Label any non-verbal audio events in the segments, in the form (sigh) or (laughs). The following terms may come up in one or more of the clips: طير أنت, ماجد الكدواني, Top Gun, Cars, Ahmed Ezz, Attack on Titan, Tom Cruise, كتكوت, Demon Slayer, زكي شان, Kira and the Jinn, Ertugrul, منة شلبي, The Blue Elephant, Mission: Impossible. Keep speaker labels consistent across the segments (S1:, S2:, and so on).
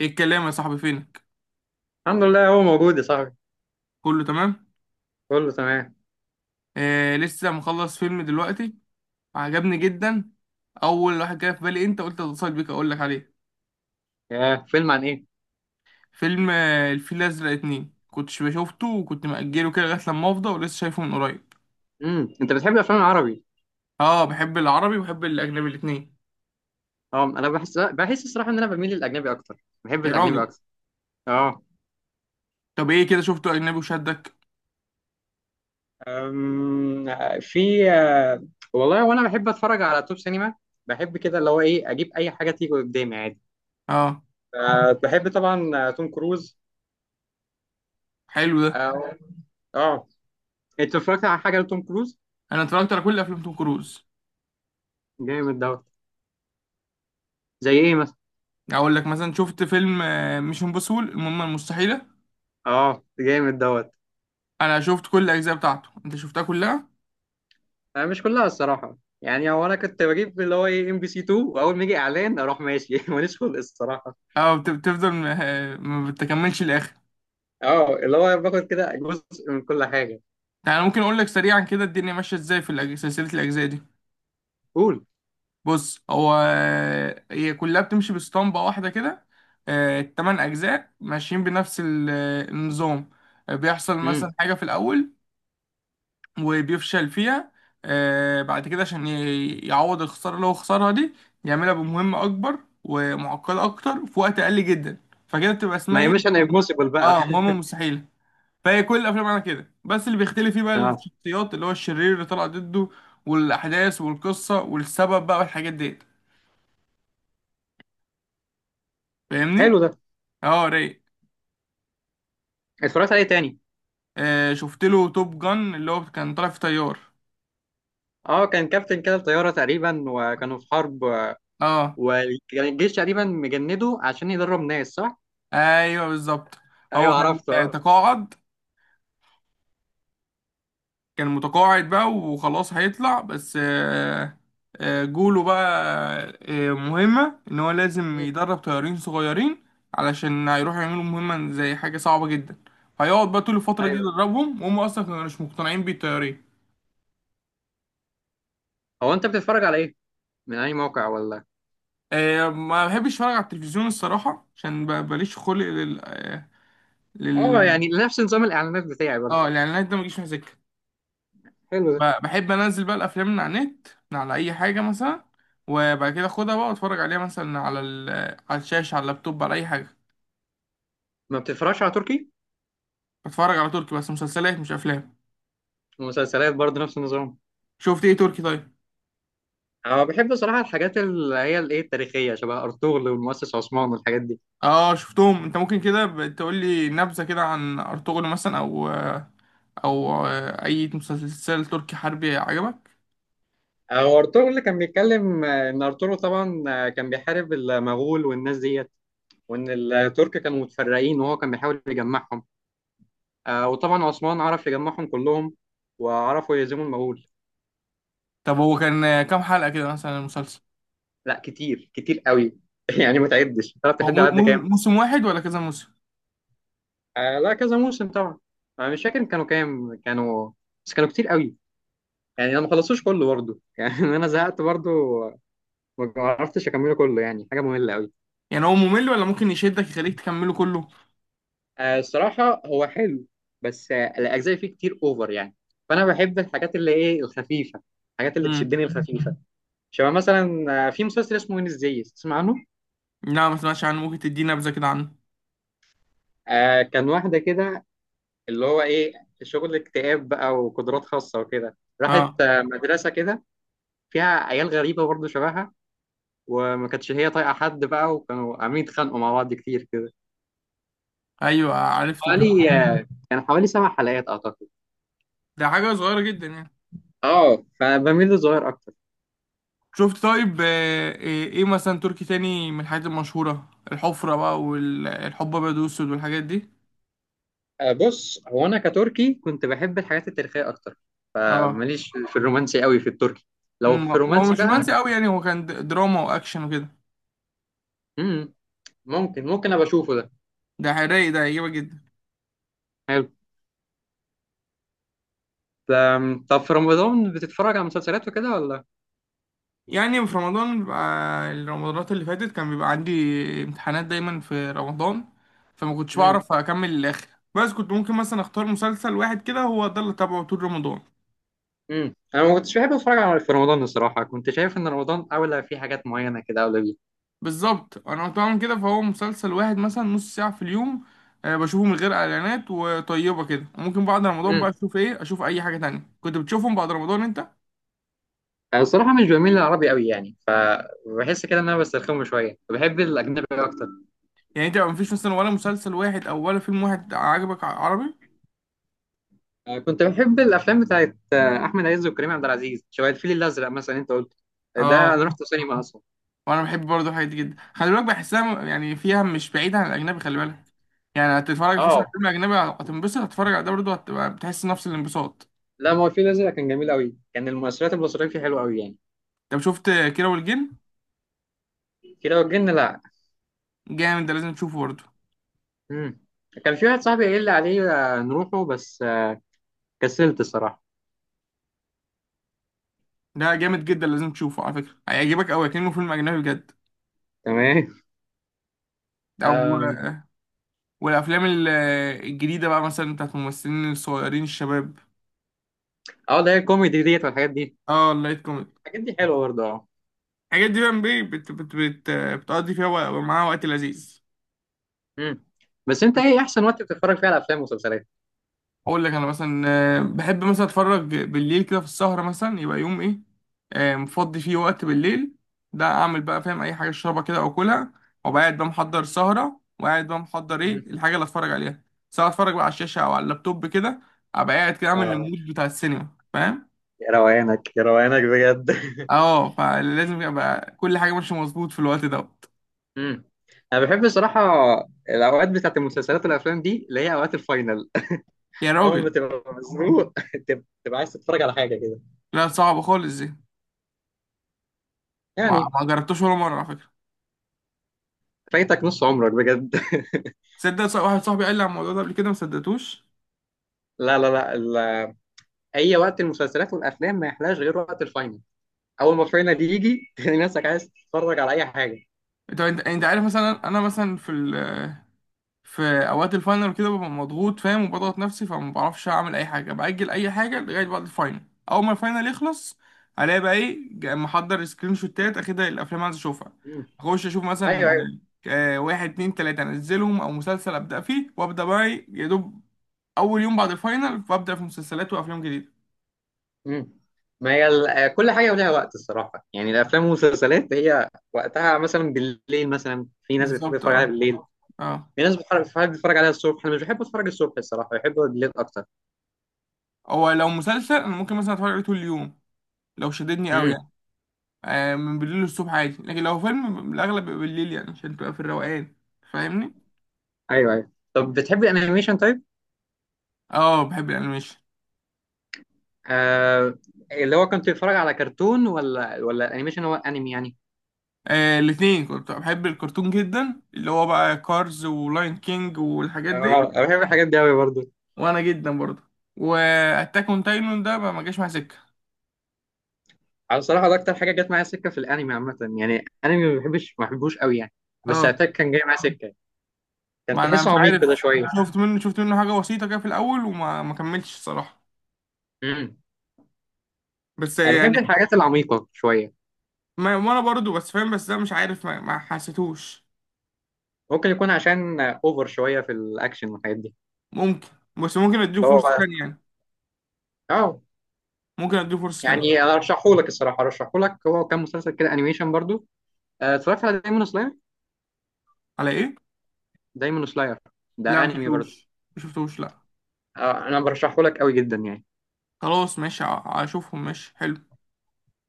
S1: ايه الكلام يا صاحبي؟ فينك؟
S2: الحمد لله، هو موجود يا صاحبي.
S1: كله تمام.
S2: كله تمام.
S1: لسه مخلص فيلم دلوقتي، عجبني جدا. اول واحد جه في بالي انت، قلت اتصل بيك اقول لك عليه.
S2: يا فيلم عن ايه؟
S1: فيلم الفيل الازرق اتنين كنتش بشوفته وكنت مأجله كده لغايه لما افضى، ولسه شايفه من قريب.
S2: انت بتحب الافلام العربي؟
S1: اه بحب العربي وبحب الاجنبي الاتنين.
S2: اه، انا بحس الصراحه ان انا بميل للاجنبي اكتر، بحب
S1: يا
S2: الاجنبي
S1: راجل،
S2: اكتر. اه.
S1: طب ايه كده شفته اجنبي وشدك؟
S2: أم... في والله، وانا بحب اتفرج على توب سينما. بحب كده اللي هو ايه، اجيب اي حاجه تيجي قدامي عادي.
S1: اه
S2: بحب طبعا توم كروز.
S1: حلو ده.
S2: اه. اه. انت اتفرجت على حاجه لتوم كروز؟
S1: انا اتفرجت على كل افلام توم كروز.
S2: جامد دوت. زي ايه مثلا؟
S1: اقول لك مثلا شفت فيلم مش امبوسول، المهمه المستحيله.
S2: اه، جامد دوت.
S1: انا شفت كل الاجزاء بتاعته، انت شفتها كلها؟
S2: أنا مش كلها الصراحة. يعني هو أنا كنت بجيب اللي هو إيه، ام بي سي 2، وأول ما يجي إعلان أروح ماشي (laughs) ماليش خلق الصراحة.
S1: اه بتفضل ما بتكملش الاخر.
S2: أه، اللي هو باخد كده جزء من كل حاجة.
S1: يعني ممكن اقول لك سريعا كده الدنيا ماشيه ازاي في سلسله الاجزاء دي.
S2: قول.
S1: بص هو، هي كلها بتمشي باسطمبه واحده كده. التمن اجزاء ماشيين بنفس النظام. بيحصل مثلا
S2: امم.
S1: حاجه في الاول وبيفشل فيها. بعد كده عشان يعوض الخساره اللي هو خسرها دي، يعملها بمهمه اكبر ومعقده اكتر في وقت اقل جدا، فكده بتبقى
S2: ما
S1: اسمها
S2: هي
S1: ايه؟
S2: مش أنا امبوسيبل بقى
S1: اه مهمه
S2: (laughs)
S1: مستحيله. فهي كل الافلام على كده، بس اللي بيختلف فيه بقى
S2: أه.
S1: الشخصيات، اللي هو الشرير اللي طلع ضده، والاحداث والقصه والسبب بقى والحاجات ديت، فاهمني؟
S2: حلو ده.
S1: اه رايق.
S2: اتفرجت عليه تاني؟
S1: شفت له توب جن، اللي هو كان طالع في طيار.
S2: أه، كان كابتن كده الطيارة تقريبا، وكانوا في حرب.
S1: اه
S2: وكان الجيش تقريبا مجنده عشان يدرب ناس، صح؟
S1: ايوه بالظبط. هو
S2: أيوه،
S1: كان
S2: عرفته أه.
S1: تقاعد، كان متقاعد بقى وخلاص، هيطلع بس جوله بقى، مهمة إن هو لازم
S2: مم.
S1: يدرب طيارين صغيرين، علشان هيروحوا يعملوا مهمة زي حاجة صعبة جدا. هيقعد بقى طول الفترة دي
S2: أيوه.
S1: يدربهم، وهم أصلا كانوا مش مقتنعين بيه الطيارين.
S2: هو أنت بتتفرج على إيه؟ من أي موقع ولا؟
S1: ما بحبش أتفرج على التلفزيون الصراحة، عشان ماليش خلق لل آه،
S2: أه،
S1: لل
S2: يعني نفس نظام الإعلانات بتاعي برضه.
S1: اه الإعلانات ده مجيش مع سكة.
S2: حلو ده.
S1: بحب انزل بقى الافلام من على النت، من على اي حاجه مثلا، وبعد كده اخدها بقى واتفرج عليها مثلا على على الشاشه، على اللابتوب، على اي حاجه.
S2: ما بتتفرجش على تركي؟
S1: بتفرج على تركي بس مسلسلات مش افلام.
S2: ومسلسلات برضه نفس النظام؟
S1: شفت ايه تركي طيب؟
S2: انا بحب صراحه الحاجات اللي هي الايه التاريخيه، شبه ارطغرل والمؤسس عثمان والحاجات دي.
S1: اه شفتهم. انت ممكن كده تقول لي نبذه كده عن ارطغرل مثلا، او اي مسلسل تركي حربي عجبك؟
S2: هو ارطغرل كان بيتكلم ان ارطغرل طبعا كان بيحارب المغول والناس ديت. وان الترك كانوا متفرقين، وهو كان بيحاول يجمعهم. وطبعا عثمان عرف يجمعهم كلهم. وعرفوا يهزموا المغول.
S1: طب هو كان كام حلقه كده مثلا المسلسل؟
S2: لا، كتير كتير قوي (laughs) يعني ما تعدش تعرف
S1: هو
S2: تحد على قد كام.
S1: موسم واحد ولا كذا موسم؟
S2: لا، كذا موسم طبعا. انا مش فاكر كانوا كام كانوا، بس كانوا كتير قوي. يعني انا ما خلصتوش كله برضه (laughs) يعني انا زهقت برضه. ما عرفتش اكمله كله، يعني حاجه ممله قوي.
S1: يعني هو ممل ولا ممكن يشدك يخليك تكمله كله؟
S2: الصراحه هو حلو، بس الاجزاء فيه كتير اوفر يعني. فانا بحب الحاجات اللي ايه الخفيفه، الحاجات اللي
S1: امم.
S2: تشدني الخفيفه. شبه مثلا في مسلسل اسمه وين، ازاي تسمع عنه.
S1: لا ما سمعتش عنه، ممكن تديني نبذه كده عنه؟
S2: كان واحده كده، اللي هو ايه، شغل اكتئاب بقى وقدرات خاصه وكده، راحت
S1: اه
S2: مدرسه كده فيها عيال غريبه برضه شبهها. وما كانتش هي طايقه حد بقى، وكانوا عاملين يتخانقوا مع بعض كتير كده.
S1: ايوه عرفته الجو.
S2: حوالي كان حوالي 7 حلقات أعتقد.
S1: ده حاجة صغيرة جدا يعني.
S2: أه، فبميل للصغير أكتر.
S1: شفت طيب؟ إيه مثلا تركي تاني من الحاجات المشهورة، الحفرة بقى والحب ابيض واسود والحاجات دي؟
S2: بص، هو أنا كتركي كنت بحب الحاجات التاريخية أكتر.
S1: اه.
S2: فماليش في الرومانسي قوي في التركي. لو في
S1: هو
S2: رومانسي
S1: مش
S2: بقى.
S1: رومانسي قوي يعني، هو كان دراما واكشن وكده.
S2: مم. ممكن أبقى أشوفه ده.
S1: ده رايق، ده هيعجبك جدا.
S2: حلو. طب في رمضان بتتفرج على مسلسلات وكده ولا؟
S1: يعني في رمضان بيبقى، الرمضانات اللي فاتت كان بيبقى عندي امتحانات دايما في رمضان، فما كنتش
S2: مم.
S1: بعرف اكمل للاخر. بس كنت ممكن مثلا اختار مسلسل واحد كده، هو ده اللي تابعه طول رمضان.
S2: مم. أنا ما كنتش بحب أتفرج على في رمضان الصراحة، كنت شايف إن رمضان أولى في حاجات معينة كده أولى بيه.
S1: بالظبط، انا كنت بعمل كده، فهو مسلسل واحد مثلا نص ساعة في اليوم، بشوفه من غير اعلانات وطيبة كده، وممكن بعد رمضان
S2: مم.
S1: بقى اشوف ايه، اشوف اي حاجة تانية. كنت بتشوفهم بعد رمضان انت؟
S2: أنا الصراحة مش بميل للعربي قوي يعني، بحس كده إن أنا بسترخمه شوية، بحب الأجنبي أكتر.
S1: يعني انت ما فيش مثلا ولا مسلسل واحد او ولا فيلم واحد عجبك عربي؟
S2: كنت بحب الافلام بتاعت احمد عز وكريم عبد العزيز، شبه الفيل الازرق مثلا انت قلت. ده انا
S1: اه
S2: رحت سينما اصلا.
S1: وانا بحب برضه الحاجات دي جدا، خلي بالك بحسها يعني فيها مش بعيدة عن الاجنبي، خلي بالك. يعني هتتفرج في مثلا على
S2: اه.
S1: فيلم اجنبي هتنبسط، هتتفرج على ده برضه هتبقى بتحس نفس الانبساط.
S2: لا، ما هو الفيل الازرق كان جميل قوي، كان المؤثرات البصريه فيه حلوه قوي يعني.
S1: طب شفت كيرة والجن؟
S2: كده وجدنا، لا.
S1: جامد ده، لازم تشوفه برضه.
S2: مم. كان في واحد صاحبي قال لي عليه نروحه، بس كسلت الصراحه.
S1: ده جامد جدا، لازم تشوفه على فكرة، هيعجبك أوي كأنه فيلم أجنبي بجد.
S2: تمام.
S1: أو
S2: آم،
S1: والأفلام الجديدة بقى مثلا بتاعت الممثلين الصغيرين الشباب.
S2: اه، ده هي الكوميدي ديت والحاجات دي.
S1: اه اللايت كوميدي،
S2: الحاجات دي حلوه برضه، اه.
S1: الحاجات دي بقى بي- بت بت بت بتقضي فيها معاها وقت لذيذ.
S2: مم. بس انت ايه احسن وقت بتتفرج فيه على افلام ومسلسلات؟
S1: اقول لك انا مثلا، بحب مثلا اتفرج بالليل كده في السهره، مثلا يبقى يوم ايه، مفضي فيه وقت بالليل، ده اعمل بقى، فاهم، اي حاجه اشربها كده او كلها، وبقعد بقى محضر سهره، وقاعد بقى محضر
S2: مم.
S1: ايه الحاجه اللي اتفرج عليها. سواء اتفرج بقى على الشاشه او على اللابتوب كده، ابقى قاعد كده اعمل
S2: اه.
S1: المود بتاع السينما، فاهم.
S2: يا روانك، يا روانك بجد (laughs)
S1: اه فلازم يبقى كل حاجه ماشيه مظبوط في الوقت دوت.
S2: امم. انا بحب الصراحه الاوقات بتاعت المسلسلات والافلام دي، اللي هي اوقات الفاينل.
S1: يا
S2: (laughs) اول ما
S1: راجل
S2: تبقى مزنوق (laughs) تبقى عايز تتفرج على حاجه كده.
S1: لا صعبه خالص دي، ما
S2: يعني،
S1: ما جربتوش ولا مره على فكره؟
S2: فايتك نص عمرك بجد
S1: تصدق واحد صاحبي قال لي على الموضوع ده قبل كده ما صدقتوش؟
S2: (laughs) لا لا لا، اي وقت المسلسلات والافلام ما يحلاش غير وقت الفاينل. اول ما الفاينل يجي (laughs) تلاقي نفسك عايز تتفرج على اي حاجه.
S1: طب انت عارف، مثلا انا مثلا في ال في اوقات الفاينل كده ببقى مضغوط فاهم، وبضغط نفسي، فما بعرفش اعمل اي حاجه، باجل اي حاجه لغايه بعد الفاينل. اول ما الفاينل يخلص، الاقي بقى ايه محضر سكرين شوتات اخدها الافلام اللي عايز اشوفها،
S2: امم.
S1: اخش اشوف مثلا
S2: ايوه، ايوه.
S1: واحد اتنين تلاته انزلهم، او مسلسل ابدا فيه وابدا بقى ايه يا دوب، اول يوم بعد الفاينل فابدا في مسلسلات وافلام جديده.
S2: امم. ما هي كل حاجه ولها وقت الصراحه، يعني الافلام والمسلسلات هي وقتها مثلا بالليل، مثلا في ناس بتحب
S1: بالظبط
S2: تتفرج عليها
S1: اه
S2: بالليل.
S1: اه.
S2: في ناس بتحب تتفرج عليها الصبح، انا مش بحب اتفرج الصبح الصراحه، بحب بالليل اكتر.
S1: هو لو مسلسل انا ممكن مثلا اتفرج عليه طول اليوم لو شددني قوي
S2: امم.
S1: يعني. من بالليل للصبح عادي، لكن لو فيلم الاغلب بيبقى بالليل، يعني عشان تبقى في الروقان، فاهمني.
S2: ايوه، ايوه. طب بتحب الانيميشن طيب؟
S1: اه بحب الانيميشن.
S2: آه. اللي هو كنت بتتفرج على كرتون ولا انيميشن، هو انمي يعني.
S1: الاثنين كنت بحب الكرتون جدا، اللي هو بقى كارز ولاين كينج والحاجات دي.
S2: اه، انا بحب الحاجات دي قوي برضه.
S1: وانا جدا برضه، واتاك اون تايتن ده ما جاش مع سكه.
S2: على الصراحه ده اكتر حاجه جت معايا سكه، في الانمي عامه يعني، انمي ما بحبش ما بحبوش قوي يعني. بس
S1: اه
S2: اتاك كان جاي معايا سكه، كان
S1: ما انا مش
S2: تحسه عميق كده
S1: عارف،
S2: شويه.
S1: شفت منه حاجه بسيطه كده في الاول، وما ما كملتش الصراحه،
S2: امم.
S1: بس
S2: انا
S1: يعني.
S2: بحب الحاجات العميقه شويه.
S1: ما وانا برضه بس فاهم، بس ده مش عارف ما حسيتوش.
S2: ممكن يكون عشان اوفر شويه في الاكشن والحاجات دي.
S1: ممكن، بس ممكن اديله
S2: اللي
S1: فرصه
S2: هو،
S1: تانية يعني،
S2: اه.
S1: ممكن اديله فرصه تانية.
S2: يعني ارشحه لك الصراحه، ارشحه لك، هو كان مسلسل كده انيميشن برضو. اتفرجت على دايمون سلاير.
S1: على ايه؟
S2: دايمون سلاير،
S1: لا
S2: ده
S1: ما
S2: انمي برضو.
S1: شفتوش ما شفتوش لا.
S2: انا برشحه لك قوي جدا يعني.
S1: خلاص ماشي، هشوفهم، ماشي حلو.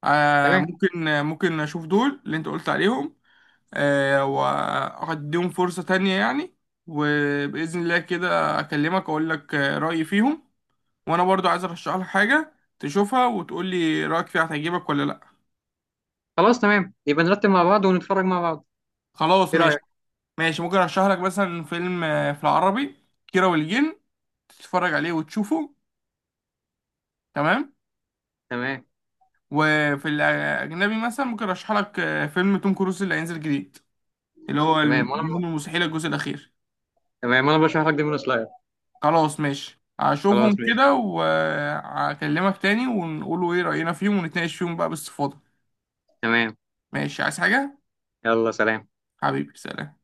S1: آه
S2: تمام.
S1: ممكن، ممكن اشوف دول اللي انت قلت عليهم. آه وهديهم فرصة تانية يعني، وبإذن الله كده اكلمك اقول لك رأيي فيهم. وانا برضو عايز ارشح لك حاجة تشوفها وتقول لي رأيك فيها، هتعجبك ولا لا.
S2: خلاص، تمام، يبقى نرتب مع بعض ونتفرج مع بعض.
S1: خلاص
S2: ايه
S1: ماشي،
S2: رايك؟
S1: ماشي ممكن ارشح لك مثلا فيلم، في العربي كيرة والجن، تتفرج عليه وتشوفه، تمام.
S2: تمام.
S1: وفي الأجنبي مثلا ممكن أرشح لك فيلم توم كروز اللي هينزل جديد، اللي هو المهم،
S2: تمام وانا.
S1: المستحيل الجزء الأخير.
S2: تمام وانا برشح لك دايمون سلاير.
S1: خلاص ماشي هشوفهم
S2: خلاص ماشي.
S1: كده وهكلمك تاني، ونقولوا إيه رأينا فيهم، ونتناقش فيهم بقى باستفاضة.
S2: تمام.
S1: ماشي عايز حاجة؟
S2: يلا، سلام.
S1: حبيبي سلام.